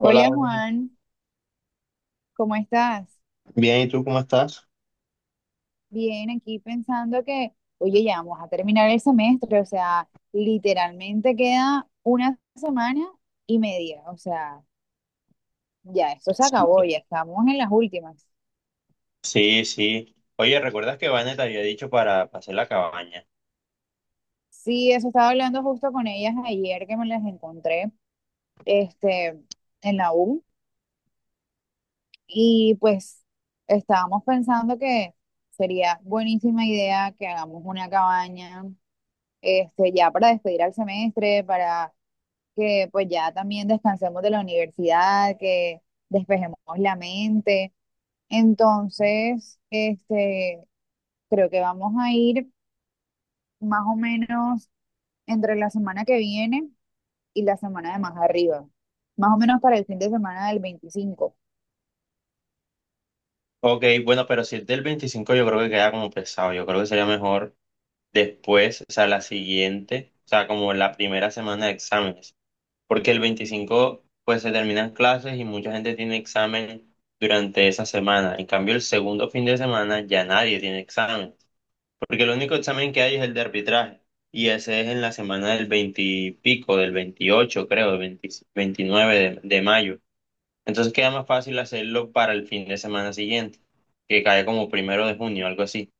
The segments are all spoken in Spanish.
Hola, Dani. Juan, ¿cómo estás? Bien, ¿y tú cómo estás? Bien, aquí pensando que, oye, ya vamos a terminar el semestre, o sea, literalmente queda una semana y media, o sea, ya esto se Sí, acabó, ya estamos en las últimas. sí, sí. Oye, ¿recuerdas que Vanet había dicho para hacer la cabaña? Sí, eso estaba hablando justo con ellas ayer que me las encontré, este, en la U y pues estábamos pensando que sería buenísima idea que hagamos una cabaña, ya para despedir al semestre, para que pues ya también descansemos de la universidad, que despejemos la mente. Entonces, creo que vamos a ir más o menos entre la semana que viene y la semana de más arriba, más o menos para el fin de semana del 25. Ok, bueno, pero si es del 25 yo creo que queda como pesado. Yo creo que sería mejor después, o sea, la siguiente, o sea, como la primera semana de exámenes. Porque el 25 pues se terminan clases y mucha gente tiene examen durante esa semana. En cambio, el segundo fin de semana ya nadie tiene examen. Porque el único examen que hay es el de arbitraje. Y ese es en la semana del 20 y pico, del 28, creo, del 20 29 de mayo. Entonces queda más fácil hacerlo para el fin de semana siguiente, que cae como primero de junio, algo así.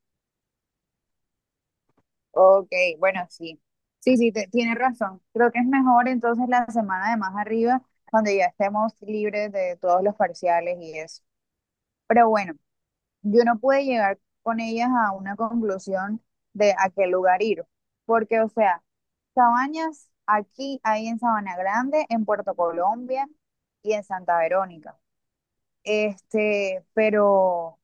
Ok, bueno, sí. Sí, sí, tienes razón. Creo que es mejor entonces la semana de más arriba, donde ya estemos libres de todos los parciales y eso. Pero bueno, yo no pude llegar con ellas a una conclusión de a qué lugar ir, porque, o sea, cabañas aquí hay en Sabana Grande, en Puerto Colombia y en Santa Verónica. Este, pero,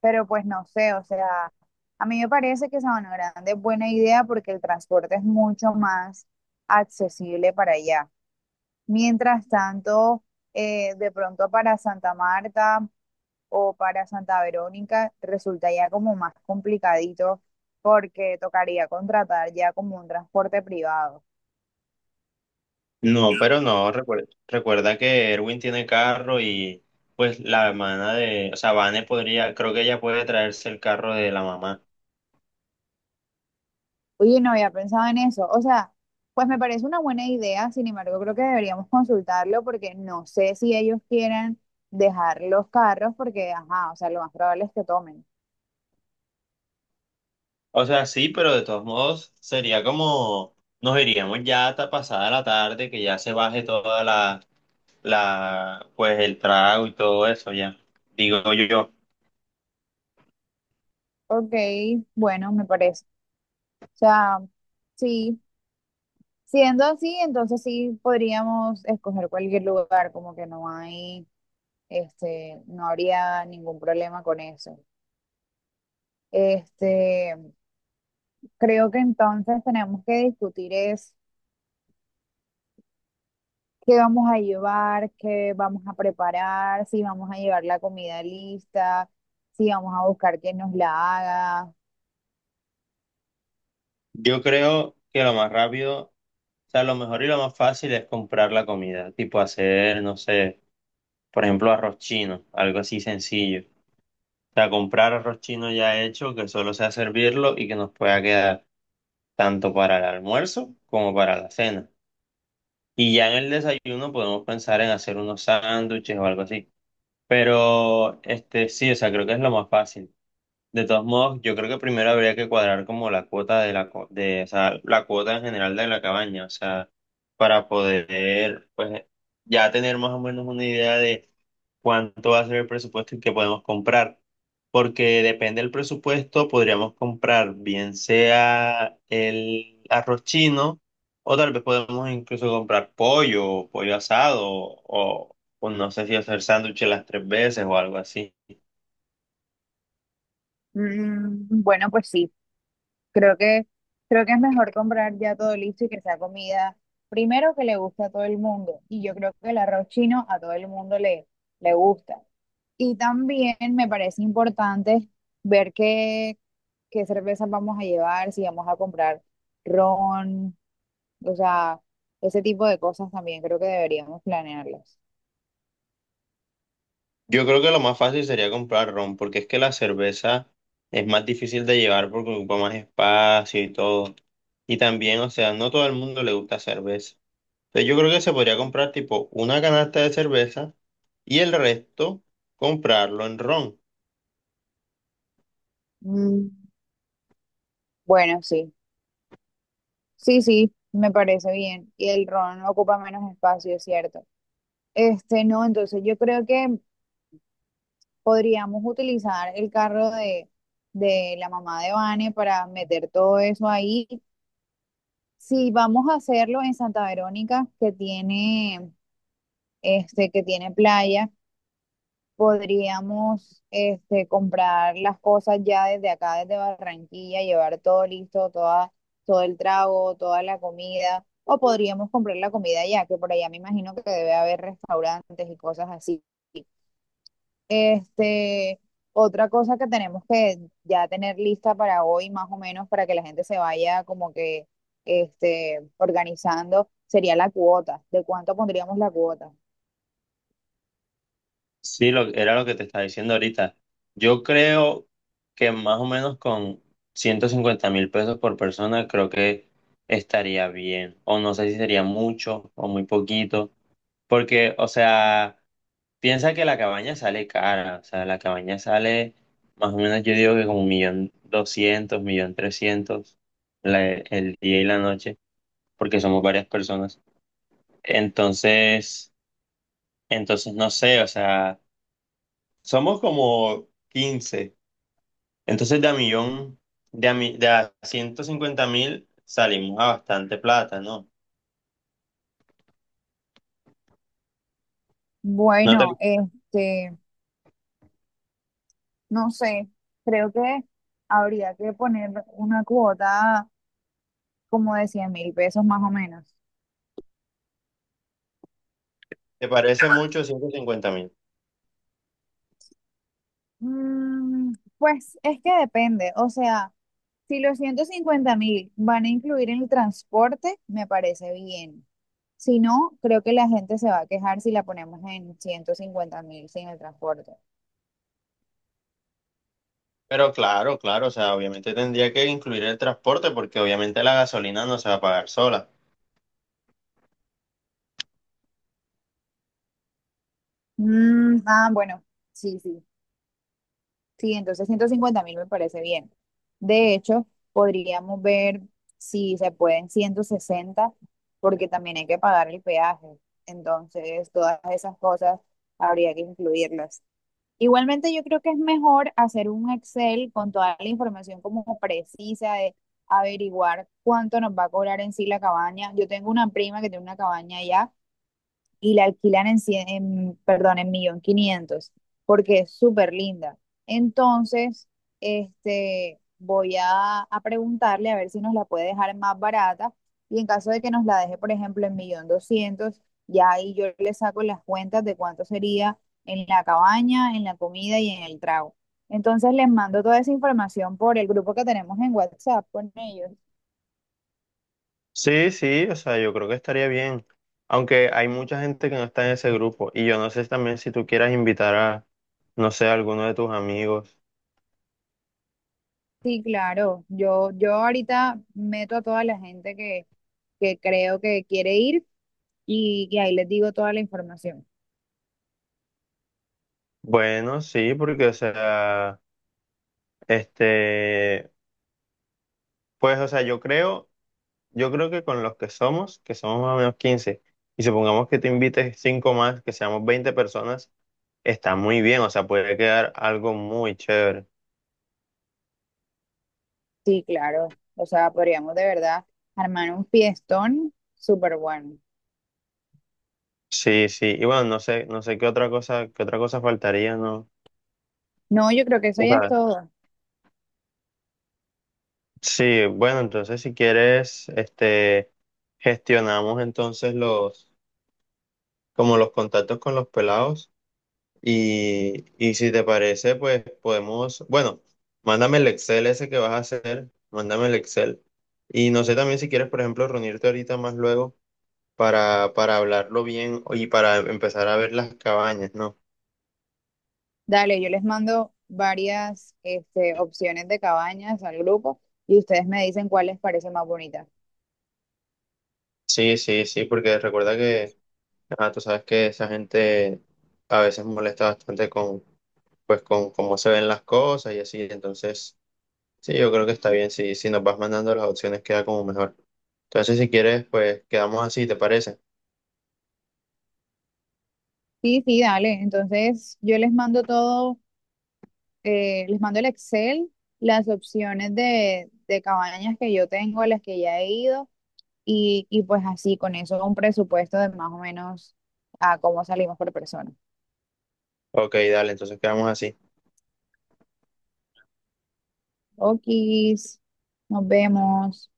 pero pues no sé, o sea, a mí me parece que Sabana Grande es buena idea porque el transporte es mucho más accesible para allá. Mientras tanto, de pronto para Santa Marta o para Santa Verónica resulta ya como más complicadito porque tocaría contratar ya como un transporte privado. No, pero no, recuerda que Erwin tiene carro y pues la hermana de, o sea, Vane podría, creo que ella puede traerse el carro de la mamá. Oye, no había pensado en eso. O sea, pues me parece una buena idea, sin embargo, creo que deberíamos consultarlo porque no sé si ellos quieren dejar los carros porque, ajá, o sea, lo más probable es que tomen. O sea, sí, pero de todos modos sería como, nos iríamos ya hasta pasada la tarde, que ya se baje toda la, pues el trago y todo eso ya. Digo yo, Ok, bueno, me parece. O sea, sí, siendo así, entonces sí podríamos escoger cualquier lugar, como que no hay. No habría ningún problema con eso. Este, creo que entonces tenemos que discutir es qué vamos a llevar, qué vamos a preparar, si vamos a llevar la comida lista, si vamos a buscar quien nos la haga. yo creo que lo más rápido, o sea, lo mejor y lo más fácil es comprar la comida, tipo hacer, no sé, por ejemplo, arroz chino, algo así sencillo. O sea, comprar arroz chino ya hecho, que solo sea servirlo y que nos pueda quedar tanto para el almuerzo como para la cena. Y ya en el desayuno podemos pensar en hacer unos sándwiches o algo así. Pero, este, sí, o sea, creo que es lo más fácil. De todos modos, yo creo que primero habría que cuadrar como la cuota de, o sea, la cuota en general de la cabaña, o sea, para poder, pues, ya tener más o menos una idea de cuánto va a ser el presupuesto y qué podemos comprar. Porque depende del presupuesto, podríamos comprar bien sea el arroz chino, o tal vez podemos incluso comprar pollo, pollo asado, o no sé si hacer sándwiches las tres veces o algo así. Mm, bueno, pues sí, creo que creo que es mejor comprar ya todo listo y que sea comida primero que le guste a todo el mundo. Y yo creo que el arroz chino a todo el mundo le gusta. Y también me parece importante ver qué cervezas vamos a llevar, si vamos a comprar ron, o sea, ese tipo de cosas también creo que deberíamos planearlas. Yo creo que lo más fácil sería comprar ron, porque es que la cerveza es más difícil de llevar porque ocupa más espacio y todo. Y también, o sea, no todo el mundo le gusta cerveza. Entonces yo creo que se podría comprar tipo una canasta de cerveza y el resto comprarlo en ron. Mm, bueno, sí, sí, sí, me parece bien. Y el ron ocupa menos espacio, es cierto. No, entonces yo creo que podríamos utilizar el carro de la mamá de Vane para meter todo eso ahí. Si vamos a hacerlo en Santa Verónica, que tiene que tiene playa, podríamos comprar las cosas ya desde acá, desde Barranquilla, llevar todo listo, todo el trago, toda la comida, o podríamos comprar la comida ya, que por allá me imagino que debe haber restaurantes y cosas así. Este, otra cosa que tenemos que ya tener lista para hoy, más o menos, para que la gente se vaya como que organizando, sería la cuota. ¿De cuánto pondríamos la cuota? Sí, lo, era lo que te estaba diciendo ahorita. Yo creo que más o menos con 150.000 pesos por persona creo que estaría bien. O no sé si sería mucho o muy poquito. Porque, o sea, piensa que la cabaña sale cara, o sea, la cabaña sale más o menos, yo digo que como un millón doscientos, millón trescientos la- el día y la noche, porque somos varias personas. Entonces, entonces, no sé, o sea, somos como 15. Entonces de a millón, de a 150.000 salimos a bastante plata, ¿no? ¿No te, Bueno, no sé, creo que habría que poner una cuota como de 100.000 pesos más o menos. te parece mucho 150? Mm, pues es que depende, o sea, si los 150.000 van a incluir en el transporte, me parece bien. Si no, creo que la gente se va a quejar si la ponemos en 150.000 sin el transporte. Pero claro, claro, o sea, obviamente tendría que incluir el transporte porque obviamente la gasolina no se va a pagar sola. Mm, ah, bueno, sí, sí. Sí, entonces 150.000 me parece bien. De hecho, podríamos ver si se pueden 160 porque también hay que pagar el peaje. Entonces, todas esas cosas habría que incluirlas. Igualmente, yo creo que es mejor hacer un Excel con toda la información como precisa de averiguar cuánto nos va a cobrar en sí la cabaña. Yo tengo una prima que tiene una cabaña allá y la alquilan en, 100, en perdón, en 1.500.000, porque es súper linda. Entonces, voy a preguntarle a ver si nos la puede dejar más barata y en caso de que nos la deje, por ejemplo, en 1.200.000, ya ahí yo le saco las cuentas de cuánto sería en la cabaña, en la comida y en el trago. Entonces les mando toda esa información por el grupo que tenemos en WhatsApp con ellos. Sí, sí, o sea, yo creo que estaría bien. Aunque hay mucha gente que no está en ese grupo y yo no sé también si tú quieras invitar a, no sé, a alguno de tus amigos. Sí, claro. Yo ahorita meto a toda la gente que creo que quiere ir y que ahí les digo toda la información. Bueno, sí, porque, o sea, este, pues, o sea, yo creo que con los que somos más o menos 15 y supongamos que te invites cinco más, que seamos 20 personas, está muy bien, o sea, puede quedar algo muy chévere. Sí, claro. O sea, podríamos de verdad armar un fiestón súper bueno. Sí, sí, y bueno, no sé, no sé qué otra cosa faltaría, ¿no? No, yo creo que eso O ya es sea, todo. sí, bueno, entonces si quieres, este, gestionamos entonces los, como los contactos con los pelados y si te parece, pues podemos, bueno, mándame el Excel ese que vas a hacer, mándame el Excel y no sé también si quieres, por ejemplo, reunirte ahorita más luego para hablarlo bien y para empezar a ver las cabañas, ¿no? Dale, yo les mando varias opciones de cabañas al grupo y ustedes me dicen cuál les parece más bonita. Sí, sí, sí, porque recuerda que, ah, tú sabes que esa gente a veces molesta bastante con, pues, con cómo se ven las cosas y así. Entonces, sí, yo creo que está bien. Si nos vas mandando las opciones, queda como mejor. Entonces, si quieres, pues quedamos así, ¿te parece? Sí, sí, dale. Entonces yo les mando todo, les mando el Excel, las opciones de cabañas que yo tengo, a las que ya he ido. Y pues así, con eso, un presupuesto de más o menos a cómo salimos por persona. Ok, dale, entonces quedamos así. Okis, nos vemos.